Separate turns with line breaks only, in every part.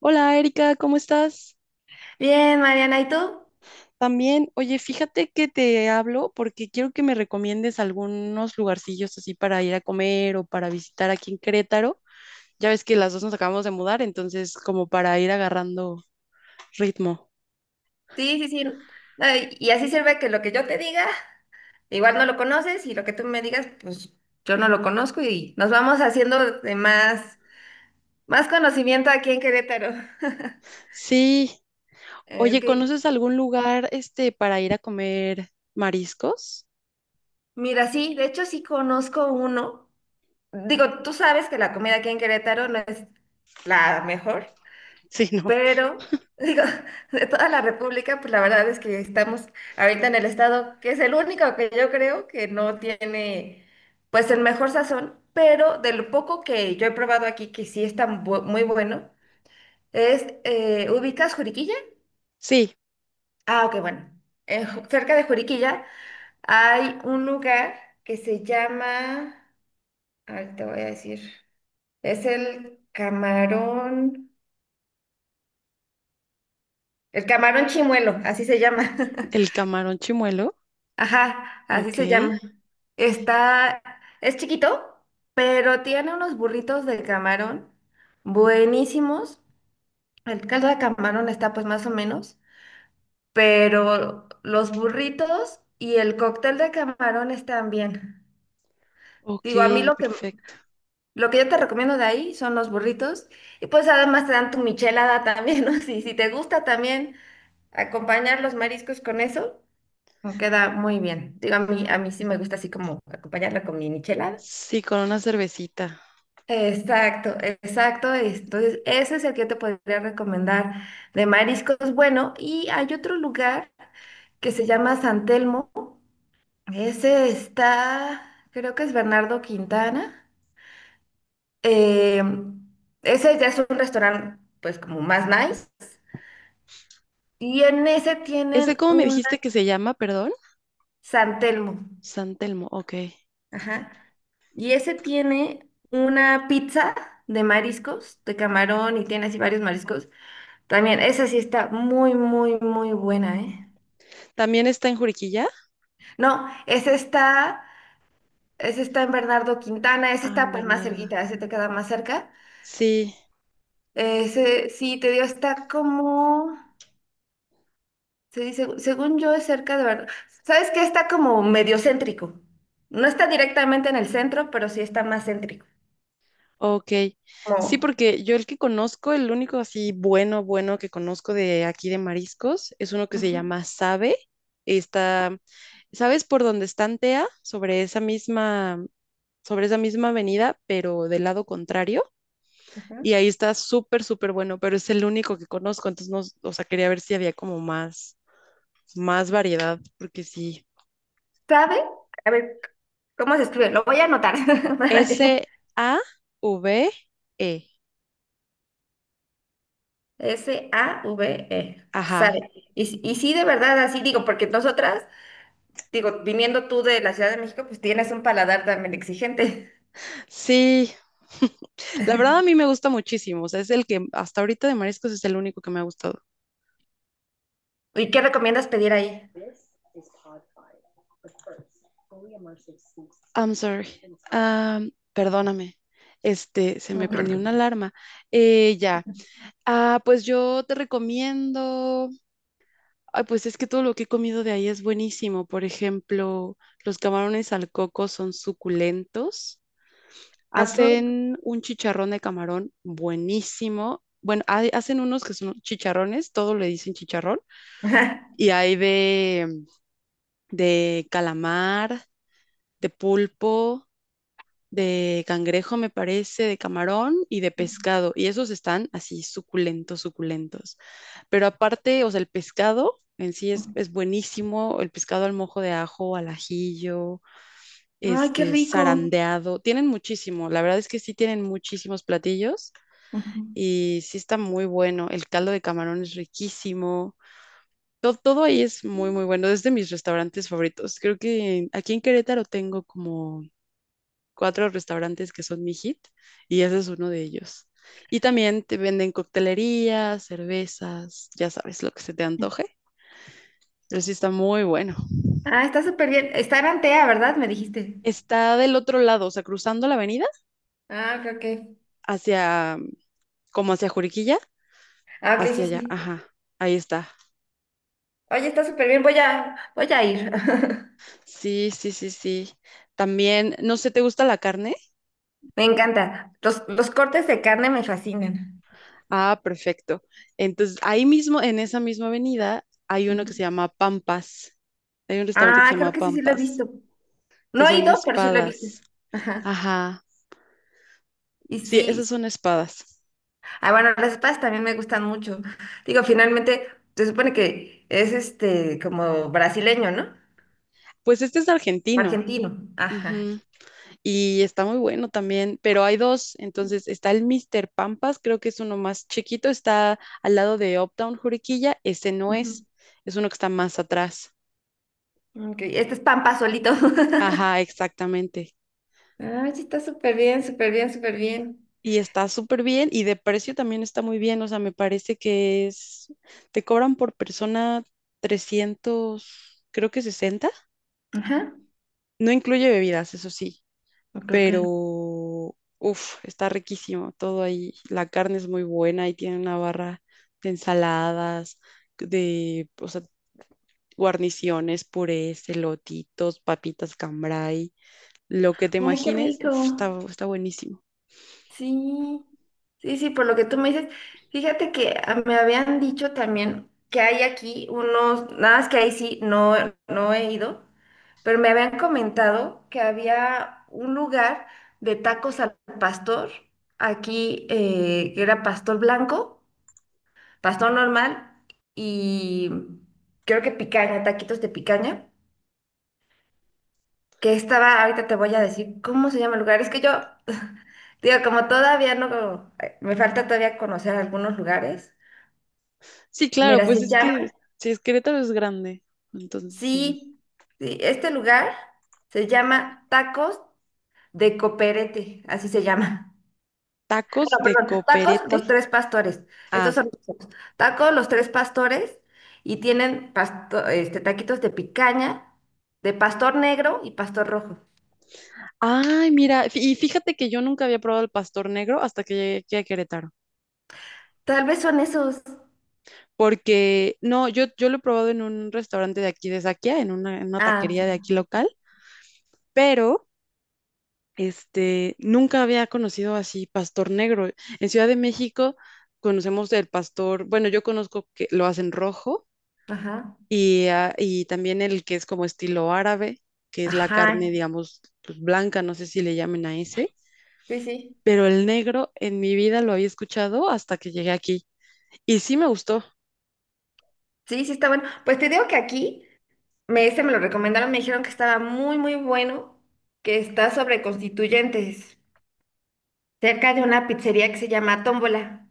Hola Erika, ¿cómo estás?
Bien, Mariana, ¿y tú?
También, oye, fíjate que te hablo porque quiero que me recomiendes algunos lugarcillos así para ir a comer o para visitar aquí en Querétaro. Ya ves que las dos nos acabamos de mudar, entonces como para ir agarrando ritmo.
Sí, sí, sí. No, y así sirve que lo que yo te diga, igual no lo conoces y lo que tú me digas, pues yo no lo conozco y nos vamos haciendo de más conocimiento aquí en Querétaro.
Sí, oye,
Ok,
¿conoces algún lugar para ir a comer mariscos?
mira, sí, de hecho sí conozco uno. Digo, tú sabes que la comida aquí en Querétaro no es la mejor.
Sí, no.
Pero, digo, de toda la República, pues la verdad es que estamos ahorita en el estado que es el único que yo creo que no tiene, pues, el mejor sazón, pero de lo poco que yo he probado aquí, que sí está muy bueno, es, ¿ubicas Juriquilla?
Sí,
Ah, ok, bueno. En cerca de Juriquilla hay un lugar que se llama, ahorita te voy a decir, es el Camarón Chimuelo, así se llama.
el camarón chimuelo.
Ajá, así
Ok,
se llama. Está, es chiquito, pero tiene unos burritos de camarón buenísimos. El caldo de camarón está pues más o menos, pero los burritos y el cóctel de camarón están bien. Digo, a mí
ok,
lo que,
perfecto.
lo que yo te recomiendo de ahí son los burritos y pues además te dan tu michelada también, ¿no? Si te gusta también acompañar los mariscos con eso. Me queda muy bien. Digo, a mí sí me gusta así como acompañarla con mi michelada.
Sí, con una cervecita.
Exacto, exacto. Entonces, ese es el que yo te podría recomendar de mariscos. Bueno, y hay otro lugar que se llama San Telmo. Ese está, creo que es Bernardo Quintana. Eh, Ese ya es un restaurante, pues, como más nice. Y en ese
¿Ese
tienen
cómo me
un.
dijiste que se llama, perdón?
San Telmo.
San Telmo, ok.
Ajá. Y ese tiene una pizza de mariscos, de camarón y tiene así varios mariscos. También, esa sí está muy, muy, muy buena, ¿eh?
¿También está en Juriquilla?
No, ese está en Bernardo Quintana, ese
Ah, en
está pues más
Bernarda.
cerquita, ese te queda más cerca.
Sí,
Ese sí, te digo, está como, se dice, según yo es cerca de Bernardo. ¿Sabes qué? Está como medio céntrico. No está directamente en el centro, pero sí está más céntrico.
ok.
Como.
Sí, porque yo el que conozco, el único así bueno, bueno que conozco de aquí de mariscos, es uno que se
Ujú.
llama Sabe. Está, ¿sabes por dónde está Antea? Sobre esa misma avenida, pero del lado contrario. Y
Ujú.
ahí está súper, súper bueno, pero es el único que conozco, entonces no, o sea, quería ver si había como más variedad, porque sí.
¿Sabe? A ver. ¿Cómo se escribe? Lo voy a anotar. para que-
Save.
SAVE.
Ajá.
Sabe. Y, si- y sí, de verdad, así digo, porque nosotras, digo, viniendo tú de la Ciudad de México, pues tienes un paladar también exigente.
Sí. La verdad a mí me gusta muchísimo. O sea, es el que hasta ahorita de mariscos es el único que me ha gustado.
¿Y qué recomiendas pedir ahí?
I'm sorry. Ah, perdóname. Se
No
me
te
prendió una
preocupes.
alarma. Ya. Ah, pues yo te recomiendo. Ay, pues es que todo lo que he comido de ahí es buenísimo. Por ejemplo, los camarones al coco son suculentos.
¿A poco?
Hacen un chicharrón de camarón buenísimo. Bueno, hacen unos que son chicharrones, todo le dicen chicharrón.
Ajá.
Y hay de calamar, de pulpo, de cangrejo, me parece, de camarón y de pescado. Y esos están así suculentos, suculentos. Pero aparte, o sea, el pescado en sí es buenísimo. El pescado al mojo de ajo, al ajillo,
Ay, qué rico.
zarandeado. Tienen muchísimo. La verdad es que sí tienen muchísimos platillos.
Ujú.
Y sí está muy bueno. El caldo de camarón es riquísimo. Todo, todo ahí es muy, muy bueno. Es de mis restaurantes favoritos. Creo que aquí en Querétaro tengo como cuatro restaurantes que son mi hit y ese es uno de ellos. Y también te venden coctelería cervezas, ya sabes lo que se te antoje. Pero sí está muy bueno.
Ah, está súper bien. Está en Antea, ¿verdad? Me dijiste.
Está del otro lado, o sea, cruzando la avenida
Ah, ok, ok.
hacia, como hacia Juriquilla,
Ah, ok,
hacia
sí,
allá.
sí.
Ajá, ahí está.
Oye, está súper bien. Voy a ir.
Sí, sí, sí, sí. También, no sé, ¿te gusta la carne?
Me encanta. Los cortes de carne me fascinan.
Ah, perfecto. Entonces, ahí mismo, en esa misma avenida, hay uno que se llama Pampas. Hay un restaurante que se
Ah,
llama
creo que sí, sí lo he
Pampas,
visto.
que
No he
son
ido, pero sí lo he visto.
espadas.
Ajá.
Ajá.
Y
Sí,
sí.
esas son espadas.
Ah, bueno, las espadas también me gustan mucho. Digo, finalmente, se supone que es como brasileño, ¿no?
Pues este es argentino.
Argentino. Ajá.
Ujú. Y está muy bueno también, pero hay dos. Entonces, está el Mr. Pampas, creo que es uno más chiquito, está al lado de Uptown Juriquilla. Ese no es,
Ujú.
es uno que está más atrás.
Ok, este es Pampa solito.
Ajá, exactamente.
Ah, sí, está súper bien, súper bien, súper bien.
Y está súper bien y de precio también está muy bien, o sea, me parece que es, te cobran por persona 300 creo que sesenta,
Ajá.
no incluye bebidas, eso sí,
Ok, ok.
pero uff, está riquísimo todo ahí, la carne es muy buena y tiene una barra de ensaladas, de, o sea, guarniciones, purés, elotitos, papitas cambray, lo que te
Ay, qué
imagines,
rico.
uf, está, está buenísimo.
Sí, sí, sí, por lo que tú me dices, fíjate que me habían dicho también que hay aquí unos, nada más que ahí sí, no, no he ido, pero me habían comentado que había un lugar de tacos al pastor, aquí que era pastor blanco, pastor normal y creo que picaña, taquitos de picaña que estaba, ahorita te voy a decir cómo se llama el lugar. Es que yo, digo, como todavía no, me falta todavía conocer algunos lugares.
Sí, claro,
Mira,
pues
se
es que
llama,
si es Querétaro es grande, entonces sí.
sí, sí, este lugar se llama Tacos de Coperete, así se llama.
Tacos
No,
de
perdón, Tacos
coperete.
Los Tres Pastores. Estos
Ah,
son los tacos. Tacos Los Tres Pastores y tienen taquitos de picaña, de pastor negro y pastor rojo.
ay, mira, y fíjate que yo nunca había probado el pastor negro hasta que llegué aquí a Querétaro,
Tal vez son esos.
porque no, yo lo he probado en un restaurante de aquí de Saquia, en una
Ah, sí,
taquería de aquí local, pero nunca había conocido así pastor negro. En Ciudad de México conocemos el pastor, bueno, yo conozco que lo hacen rojo.
ajá.
Y, ah, y también el que es como estilo árabe, que es la carne,
Ajá,
digamos, pues, blanca, no sé si le llamen a ese,
sí, sí.
pero el negro en mi vida lo había escuchado hasta que llegué aquí. Y sí me gustó.
Sí, sí está bueno. Pues te digo que aquí, me lo recomendaron, me dijeron que estaba muy, muy bueno, que está sobre Constituyentes, cerca de una pizzería que se llama Tómbola.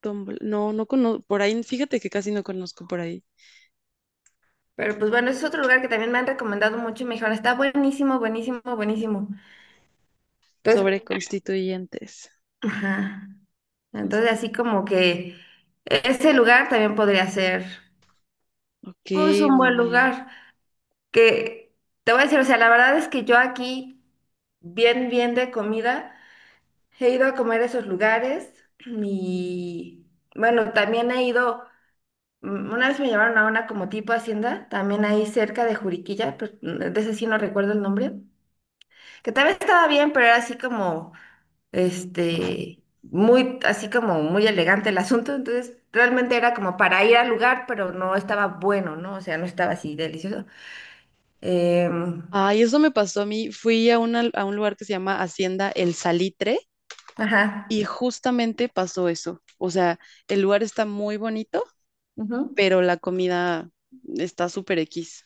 No, no conozco, por ahí, fíjate que casi no conozco por ahí
Pero pues bueno, ese es otro lugar que también me han recomendado mucho y me dijeron, está buenísimo, buenísimo, buenísimo. Entonces,
sobre constituyentes.
ajá. Entonces
Consti-
así como que ese lugar también podría ser,
ok,
pues, un
muy
buen
bien.
lugar. Que te voy a decir, o sea, la verdad es que yo aquí, bien, bien de comida. He ido a comer a esos lugares y bueno, también he ido, una vez me llevaron a una como tipo hacienda, también ahí cerca de Juriquilla, pero de ese sí no recuerdo el nombre, que tal vez estaba bien, pero era así como, muy, así como muy elegante el asunto, entonces realmente era como para ir al lugar, pero no estaba bueno, ¿no? O sea, no estaba así delicioso. Em,
Ay, eso me pasó a mí. Fui a un lugar que se llama Hacienda El Salitre
ajá.
y justamente pasó eso. O sea, el lugar está muy bonito
Ujú.
pero la comida está súper X.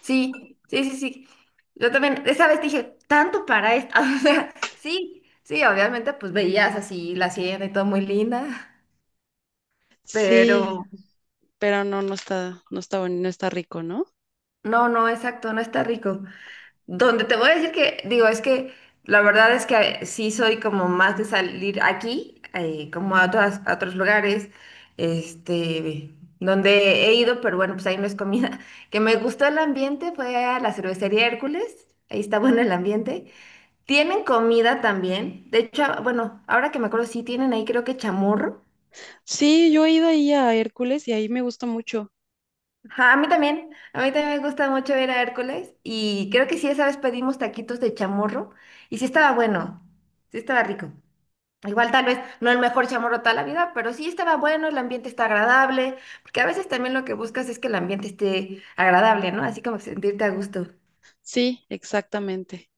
Sí, sí, sí, sí. Yo también, esa vez dije, tanto para esto. O sea, sí, sí, obviamente, pues veías así la sierra y todo muy linda,
Sí,
pero
pero no, no está bueno, no está rico, ¿no?
no, no, exacto, no está rico. Donde te voy a decir que, digo, es que la verdad es que sí soy como más de salir aquí, como a otros lugares, donde he ido, pero bueno, pues ahí no es comida. Que me gustó el ambiente fue a la cervecería Hércules, ahí está bueno el ambiente. Tienen comida también. De hecho, bueno, ahora que me acuerdo, sí tienen ahí creo que chamorro.
Sí, yo he ido ahí a Hércules y ahí me gusta mucho.
Ajá, a mí también. A mí también me gusta mucho ir a Hércules. Y creo que sí, esa vez pedimos taquitos de chamorro. Y sí estaba bueno. Sí estaba rico. Igual tal vez no el mejor chamorro toda la vida, pero sí estaba bueno, el ambiente está agradable. Porque a veces también lo que buscas es que el ambiente esté agradable, ¿no? Así como sentirte a gusto.
Sí, exactamente.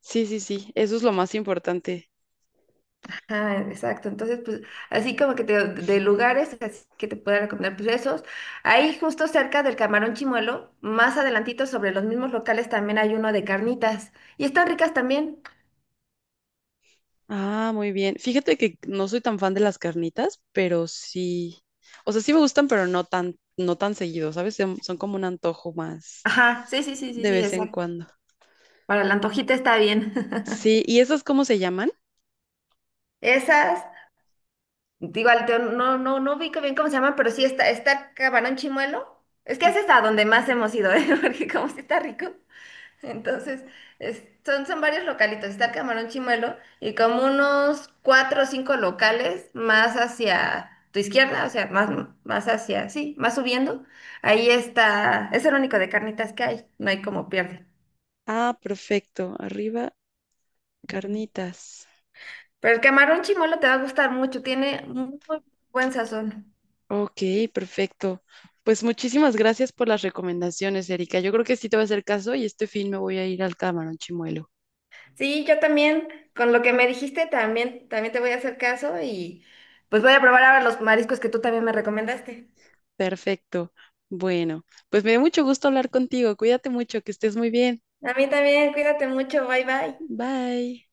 Sí, sí, sí, eso es lo más importante.
Ah, exacto. Entonces, pues, así como que de lugares así que te pueda recomendar, pues esos. Ahí justo cerca del Camarón Chimuelo, más adelantito sobre los mismos locales también hay uno de carnitas. Y están ricas también.
Ah, muy bien. Fíjate que no soy tan fan de las carnitas, pero sí. O sea, sí me gustan, pero no tan, no tan seguido, ¿sabes? Son como un antojo más
Ajá, sí, sí, sí, sí,
de
sí,
vez en
exacto.
cuando.
Para la antojita está bien.
Sí, ¿y esas cómo se llaman?
Esas, igual no, no, no ubico bien cómo se llaman, pero sí está Camarón Chimuelo. Es que ese es a donde más hemos ido, ¿eh? Porque como sí está rico. Entonces, son varios localitos. Está el Camarón Chimuelo y como unos cuatro o cinco locales más hacia tu izquierda, o sea, más hacia, sí, más subiendo. Ahí está, es el único de carnitas que hay, no hay como pierde.
Ah, perfecto. Arriba, carnitas.
Pero el Camarón Chimuelo te va a gustar mucho, tiene muy buen sazón.
Ok, perfecto. Pues muchísimas gracias por las recomendaciones, Erika. Yo creo que sí te voy a hacer caso y este fin me voy a ir al Camarón Chimuelo.
Sí, yo también, con lo que me dijiste, también te voy a hacer caso y pues voy a probar ahora los mariscos que tú también me recomendaste.
Perfecto. Bueno, pues me dio mucho gusto hablar contigo. Cuídate mucho, que estés muy bien.
A mí también, cuídate mucho, bye bye.
Bye.